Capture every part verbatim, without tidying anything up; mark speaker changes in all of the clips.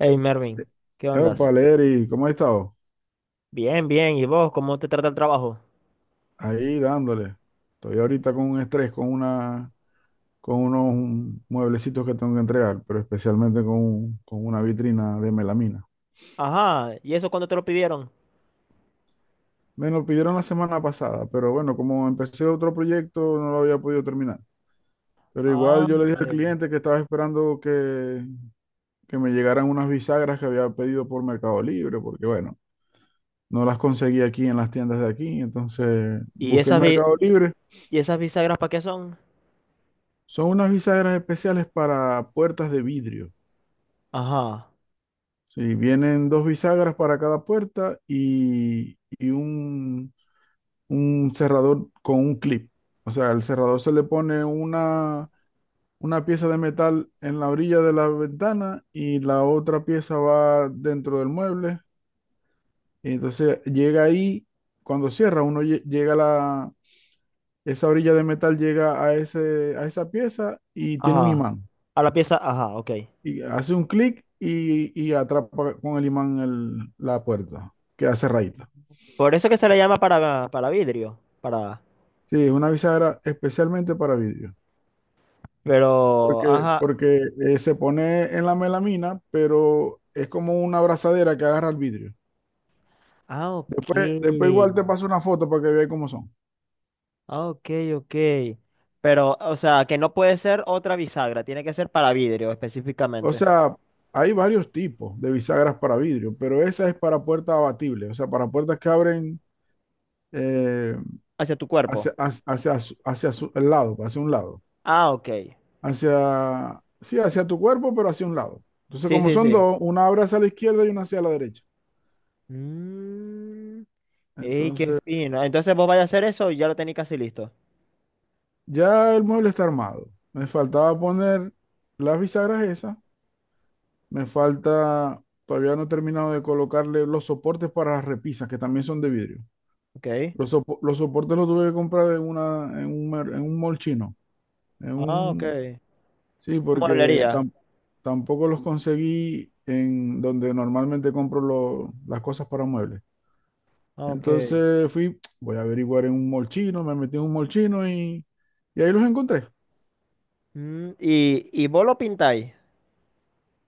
Speaker 1: Hey Mervin, ¿qué
Speaker 2: Epa,
Speaker 1: ondas?
Speaker 2: Leri, ¿cómo has estado?
Speaker 1: Bien, bien. ¿Y vos cómo te trata el trabajo?
Speaker 2: Ahí dándole. Estoy ahorita con un estrés, con una, con unos mueblecitos que tengo que entregar, pero especialmente con, un- con una vitrina de melamina.
Speaker 1: Ajá. ¿Y eso cuándo te lo pidieron?
Speaker 2: Me lo pidieron la semana pasada, pero bueno, como empecé otro proyecto, no lo había podido terminar. Pero
Speaker 1: Ah,
Speaker 2: igual yo le
Speaker 1: ok.
Speaker 2: dije al cliente que estaba esperando que, que me llegaran unas bisagras que había pedido por Mercado Libre, porque bueno, no las conseguí aquí en las tiendas de aquí, entonces
Speaker 1: ¿Y
Speaker 2: busqué en
Speaker 1: esas bi-
Speaker 2: Mercado Libre.
Speaker 1: y esas bisagras para qué son?
Speaker 2: Son unas bisagras especiales para puertas de vidrio.
Speaker 1: Ajá.
Speaker 2: Sí, vienen dos bisagras para cada puerta y, y un, un cerrador con un clip. O sea, el cerrador se le pone una, una pieza de metal en la orilla de la ventana y la otra pieza va dentro del mueble. Y entonces llega ahí, cuando cierra, uno lle- llega a la, esa orilla de metal llega a ese, a esa pieza y tiene un
Speaker 1: Ajá.
Speaker 2: imán.
Speaker 1: A la pieza, ajá, ok.
Speaker 2: Y hace un clic y, y atrapa con el imán el- la puerta, que hace rayita.
Speaker 1: Por eso que se le llama para, para vidrio, para.
Speaker 2: Sí, una bisagra especialmente para vidrio,
Speaker 1: Pero,
Speaker 2: porque,
Speaker 1: ajá.
Speaker 2: porque eh, se pone en la melamina, pero es como una abrazadera que agarra el vidrio.
Speaker 1: Ah, ok.
Speaker 2: Después, después igual te paso una foto para que veas cómo son.
Speaker 1: Ah, ok, ok. Pero, o sea, que no puede ser otra bisagra, tiene que ser para vidrio
Speaker 2: O
Speaker 1: específicamente,
Speaker 2: sea, hay varios tipos de bisagras para vidrio, pero esa es para puertas abatibles, o sea, para puertas que abren eh,
Speaker 1: hacia tu cuerpo.
Speaker 2: hacia, hacia, hacia, su- hacia su- el lado, hacia un lado.
Speaker 1: Ah, ok.
Speaker 2: hacia, sí, hacia tu cuerpo, pero hacia un lado. Entonces,
Speaker 1: Sí,
Speaker 2: como
Speaker 1: sí,
Speaker 2: son
Speaker 1: sí.
Speaker 2: dos, una abre hacia la izquierda y una hacia la derecha.
Speaker 1: Mm. ¡Ey, qué
Speaker 2: Entonces,
Speaker 1: fino! Entonces vos vais a hacer eso y ya lo tenéis casi listo.
Speaker 2: ya el mueble está armado. Me faltaba poner las bisagras esas. Me falta, todavía no he terminado de colocarle los soportes para las repisas, que también son de vidrio.
Speaker 1: Ok.
Speaker 2: Los, sopo- los soportes los tuve que comprar en, una, en, un, mer- en un mall chino. En
Speaker 1: Ah, ok.
Speaker 2: un, sí, porque
Speaker 1: Mueblería.
Speaker 2: tam- tampoco los conseguí en donde normalmente compro lo- las cosas para muebles.
Speaker 1: Ah, ok.
Speaker 2: Entonces fui, voy a averiguar en un molchino, me metí en un molchino y, y ahí los encontré.
Speaker 1: Mm, y, y vos lo pintáis.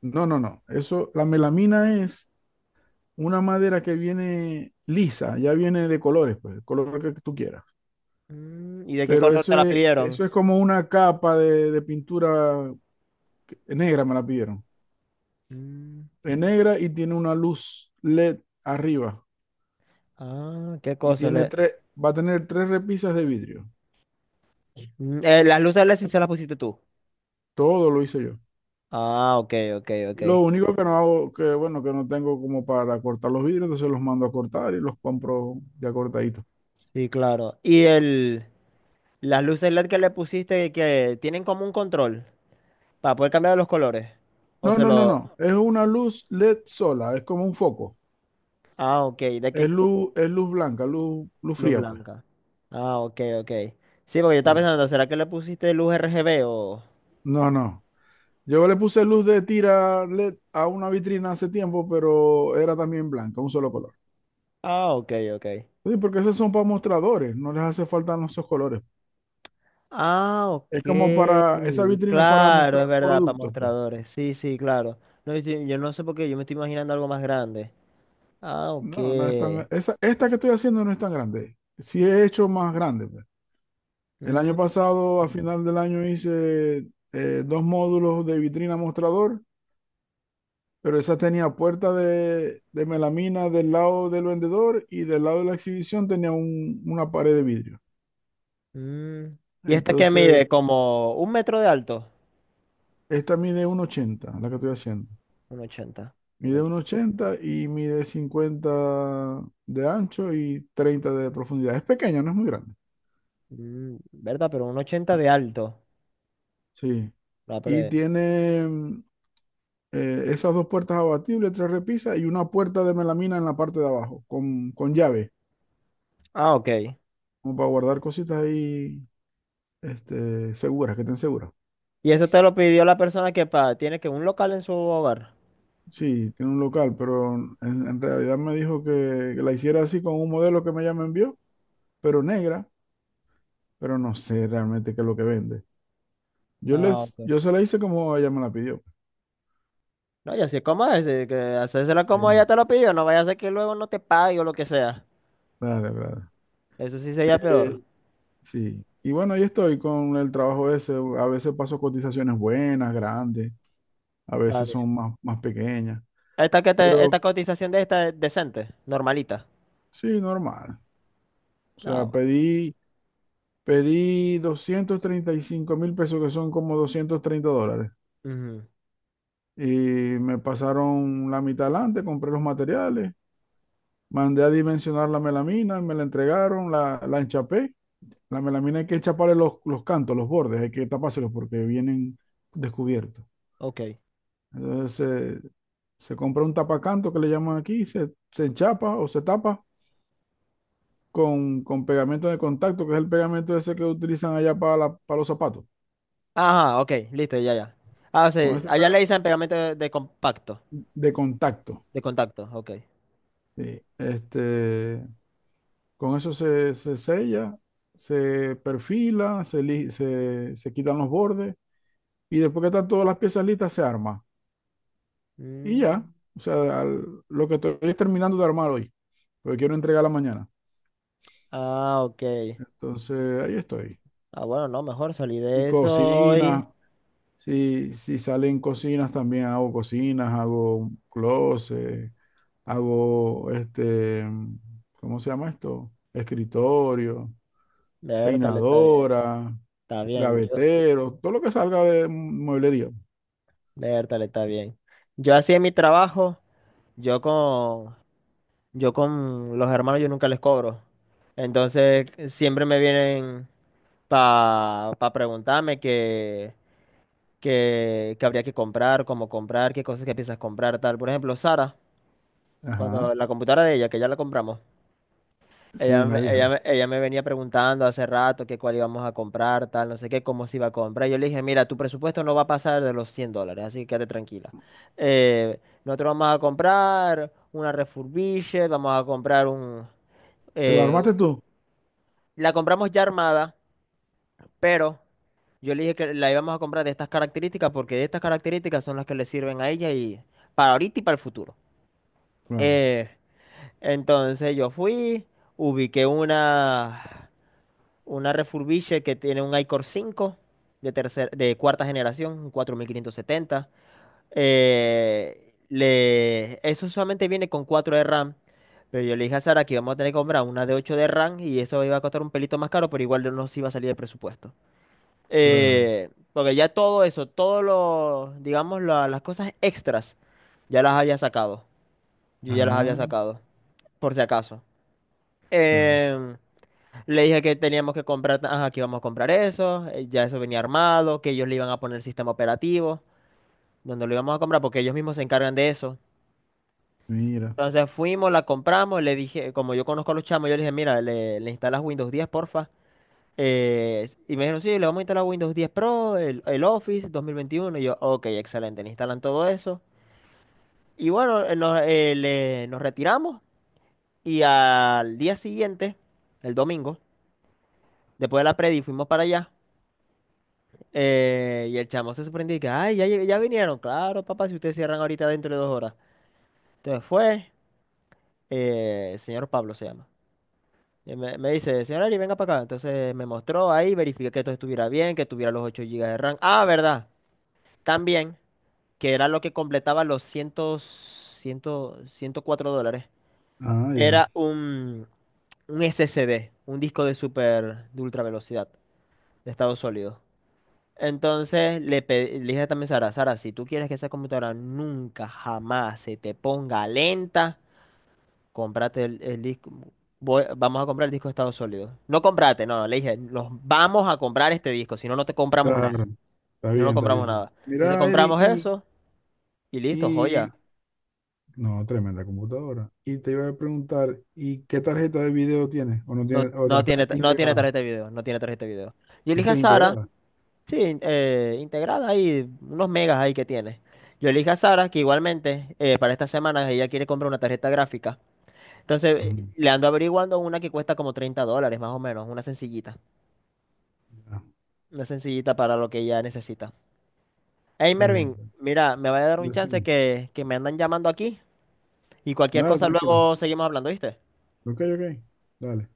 Speaker 2: No, no, no. Eso, la melamina es una madera que viene lisa, ya viene de colores, pues, el color que tú quieras.
Speaker 1: Mm, ¿y de qué
Speaker 2: Pero
Speaker 1: color te
Speaker 2: eso
Speaker 1: la
Speaker 2: es,
Speaker 1: pidieron?
Speaker 2: eso es como una capa de, de pintura negra, me la pidieron.
Speaker 1: Mm,
Speaker 2: Es negra y tiene una luz LED arriba.
Speaker 1: ah, qué
Speaker 2: Y
Speaker 1: cosa.
Speaker 2: tiene
Speaker 1: Le-
Speaker 2: tres, Va a tener tres repisas de vidrio.
Speaker 1: Mm, eh, las luces L E D sí se las pusiste tú.
Speaker 2: Todo lo hice yo.
Speaker 1: Ah, ok, ok, ok.
Speaker 2: Lo único que no hago, que bueno, que no tengo como para cortar los vidrios, entonces los mando a cortar y los compro ya cortaditos.
Speaker 1: Sí, claro. Y el, las luces L E D que le pusiste que tienen como un control para poder cambiar los colores. O
Speaker 2: No,
Speaker 1: se
Speaker 2: no, no,
Speaker 1: lo.
Speaker 2: no. Es una luz LED sola, es como un foco.
Speaker 1: Ah, ok. ¿De qué?
Speaker 2: Es luz, es luz blanca, luz, luz
Speaker 1: Luz
Speaker 2: fría, pues.
Speaker 1: blanca. Ah, ok, ok. Sí, porque yo estaba
Speaker 2: Sí.
Speaker 1: pensando, ¿será que le pusiste luz R G B o...?
Speaker 2: No, no. Yo le puse luz de tira LED a una vitrina hace tiempo, pero era también blanca, un solo color.
Speaker 1: Ah, ok, ok.
Speaker 2: Sí, porque esos son para mostradores, no les hace falta esos colores.
Speaker 1: Ah,
Speaker 2: Es como
Speaker 1: ok.
Speaker 2: para, esa vitrina es para
Speaker 1: Claro,
Speaker 2: mostrar
Speaker 1: es verdad, para
Speaker 2: productos, pues.
Speaker 1: mostradores. Sí, sí, claro. No, yo, estoy- yo no sé por qué, yo me estoy imaginando algo más grande. Ah, ok.
Speaker 2: No, no es tan. Esa, esta que estoy haciendo no es tan grande. Sí he hecho más grande, pues. El año
Speaker 1: Mm,
Speaker 2: pasado, a final del año, hice eh, dos módulos de vitrina mostrador, pero esa tenía puerta de, de melamina del lado del vendedor y del lado de la exhibición tenía un- una pared de vidrio.
Speaker 1: mm. ¿Y esta que mide?
Speaker 2: Entonces,
Speaker 1: ¿Como un metro de alto?
Speaker 2: esta mide uno ochenta la que estoy haciendo.
Speaker 1: Un ochenta. Un
Speaker 2: Mide
Speaker 1: och-
Speaker 2: uno ochenta y mide cincuenta de ancho y treinta de profundidad. Es pequeña, no es muy grande.
Speaker 1: Mm, ¿verdad? Pero un ochenta de alto.
Speaker 2: Sí.
Speaker 1: La
Speaker 2: Y
Speaker 1: pre
Speaker 2: tiene eh, esas dos puertas abatibles, tres repisas y una puerta de melamina en la parte de abajo, con, con llave,
Speaker 1: Ah, ok.
Speaker 2: como para guardar cositas ahí este, seguras, que estén seguras.
Speaker 1: Y eso te lo pidió la persona que pa- tiene que un local en su hogar.
Speaker 2: Sí, tiene un local, pero en, en realidad me dijo que, que la hiciera así con un modelo que ella me envió, pero negra, pero no sé realmente qué es lo que vende. Yo,
Speaker 1: Ah,
Speaker 2: les,
Speaker 1: ok.
Speaker 2: yo se la hice como ella me la pidió.
Speaker 1: No, y así como es, eh, que hacérsela como ella
Speaker 2: Sí,
Speaker 1: te lo pidió, no vaya a ser que luego no te pague o lo que sea.
Speaker 2: dale, dale.
Speaker 1: Eso sí sería peor.
Speaker 2: Eh, sí. Y bueno, ahí estoy con el trabajo ese. A veces paso cotizaciones buenas, grandes. A
Speaker 1: Está
Speaker 2: veces son
Speaker 1: bien.
Speaker 2: más, más pequeñas,
Speaker 1: Esta, que te- esta
Speaker 2: pero
Speaker 1: cotización de esta es decente, normalita.
Speaker 2: sí, normal. O sea,
Speaker 1: Ah,
Speaker 2: pedí, pedí doscientos treinta y cinco mil pesos, que son como doscientos treinta dólares,
Speaker 1: bueno. Ujú.
Speaker 2: y me pasaron la mitad adelante, compré los materiales, mandé a dimensionar la melamina, me la entregaron, la, la enchapé. La melamina hay que enchaparle los, los cantos, los bordes, hay que tapárselos porque vienen descubiertos.
Speaker 1: Ok.
Speaker 2: Entonces, se se compra un tapacanto que le llaman aquí, se, se enchapa o se tapa con, con pegamento de contacto, que es el pegamento ese que utilizan allá para, la- para los zapatos,
Speaker 1: Ajá, ok, listo, ya, ya. Ah, o
Speaker 2: con
Speaker 1: sea,
Speaker 2: ese
Speaker 1: allá le
Speaker 2: pega-
Speaker 1: dicen pegamento de, de compacto,
Speaker 2: de contacto.
Speaker 1: de contacto, ok.
Speaker 2: Sí. Este, con eso se, se sella, se perfila, se, li- se, se quitan los bordes y después que están todas las piezas listas se arma. Y ya,
Speaker 1: Mm,
Speaker 2: o sea, al- lo que estoy es terminando de armar hoy, porque quiero entregarla mañana.
Speaker 1: ah, ok.
Speaker 2: Entonces, ahí estoy.
Speaker 1: Ah, bueno, no, mejor salí
Speaker 2: Y
Speaker 1: de eso hoy.
Speaker 2: cocina. Si, si salen cocinas, también hago cocinas, hago un closet, hago este, ¿cómo se llama esto? Escritorio,
Speaker 1: Vértale, está bien.
Speaker 2: peinadora,
Speaker 1: Está bien. Yo.
Speaker 2: gavetero, todo lo que salga de mueblería.
Speaker 1: Vértale, está bien. Yo así en mi trabajo, yo con, yo con los hermanos yo nunca les cobro. Entonces siempre me vienen para preguntarme que, que, que habría que comprar, cómo comprar, qué cosas que piensas comprar, tal. Por ejemplo, Sara, cuando
Speaker 2: Ajá,
Speaker 1: la computadora de ella, que ya la compramos.
Speaker 2: sí,
Speaker 1: Ella,
Speaker 2: me
Speaker 1: me- ella,
Speaker 2: dijo.
Speaker 1: me- ella me venía preguntando hace rato que cuál íbamos a comprar, tal, no sé qué, cómo se iba a comprar. Yo le dije, mira, tu presupuesto no va a pasar de los cien dólares, así que quédate tranquila. Eh, nosotros vamos a comprar una refurbished, vamos a comprar un...
Speaker 2: ¿Se la
Speaker 1: eh,
Speaker 2: armaste tú?
Speaker 1: la compramos ya armada, pero yo le dije que la íbamos a comprar de estas características porque de estas características son las que le sirven a ella y para ahorita y para el futuro.
Speaker 2: Claro,
Speaker 1: Eh, entonces yo fui, ubiqué una. Una Refurbished que tiene un iCore cinco de, tercer, de cuarta generación, un cuatro mil quinientos setenta. Eh, le, eso solamente viene con cuatro de RAM. Pero yo le dije a Sara que íbamos a tener que comprar una de ocho de RAM y eso iba a costar un pelito más caro, pero igual no nos iba a salir de presupuesto.
Speaker 2: claro.
Speaker 1: Eh, porque ya todo eso, todos los, digamos, la- las cosas extras, ya las había sacado. Yo ya las había
Speaker 2: Ah,
Speaker 1: sacado, por si acaso.
Speaker 2: claro.
Speaker 1: Em, le dije que teníamos que comprar, ajá, que íbamos a comprar eso, eh, ya eso venía armado, que ellos le iban a poner el sistema operativo, donde lo íbamos a comprar, porque ellos mismos se encargan de eso.
Speaker 2: Mira.
Speaker 1: Entonces fuimos, la compramos, le dije, como yo conozco a los chamos, yo le dije, mira, le, le instalas Windows diez, porfa. Eh, y me dijeron, sí, le vamos a instalar Windows diez Pro, el, el Office dos mil veintiuno. Y yo, ok, excelente, le instalan todo eso. Y bueno, eh, nos, eh, le- nos retiramos y al día siguiente, el domingo, después de la predi, fuimos para allá. Eh, y el chamo se sorprendió y que, ay, ya, lle- ya vinieron, claro, papá, si ustedes cierran ahorita dentro de dos horas. Entonces fue, eh, el señor Pablo se llama. Y me, me dice, señor Ari, venga para acá. Entonces me mostró ahí, verifiqué que todo estuviera bien, que tuviera los ocho gigas de RAM. Ah, verdad, también, que era lo que completaba los cien, ciento cuatro dólares.
Speaker 2: Ah, ya.
Speaker 1: Era un, un S S D, un disco de super, de ultra velocidad, de estado sólido. Entonces le, pe- le dije también a Sara, Sara, si tú quieres que esa computadora nunca, jamás se te ponga lenta, cómprate el, el disco. Voy- vamos a comprar el disco de estado sólido. No comprate, no, le dije, los vamos a comprar este disco, si no, no te compramos nada.
Speaker 2: Claro. Está
Speaker 1: Si no, no
Speaker 2: bien, está
Speaker 1: compramos
Speaker 2: bien.
Speaker 1: nada. Entonces
Speaker 2: Mira, Eri,
Speaker 1: compramos
Speaker 2: y,
Speaker 1: eso y listo,
Speaker 2: y...
Speaker 1: joya.
Speaker 2: no, tremenda computadora. Y te iba a preguntar, ¿y qué tarjeta de video tiene? ¿O no tiene?
Speaker 1: No,
Speaker 2: ¿O la
Speaker 1: no
Speaker 2: está
Speaker 1: tiene, ta- no tiene
Speaker 2: integrada?
Speaker 1: tarjeta de video, no tiene tarjeta de video. Yo le
Speaker 2: Es
Speaker 1: dije
Speaker 2: que
Speaker 1: a
Speaker 2: es
Speaker 1: Sara,
Speaker 2: integrada.
Speaker 1: sí, in- eh, integrada ahí, unos megas ahí que tiene. Yo le dije a Sara que igualmente eh, para esta semana ella quiere comprar una tarjeta gráfica. Entonces,
Speaker 2: Ujú.
Speaker 1: eh, le ando averiguando una que cuesta como treinta dólares, más o menos, una sencillita.
Speaker 2: Ya.
Speaker 1: Una sencillita para lo que ella necesita. Hey,
Speaker 2: Está bien.
Speaker 1: Mervin, mira, me va a dar un chance
Speaker 2: Decime.
Speaker 1: que, que me andan llamando aquí y cualquier
Speaker 2: Dale,
Speaker 1: cosa
Speaker 2: tranquilo.
Speaker 1: luego seguimos hablando, ¿viste?
Speaker 2: Ok, ok. Dale.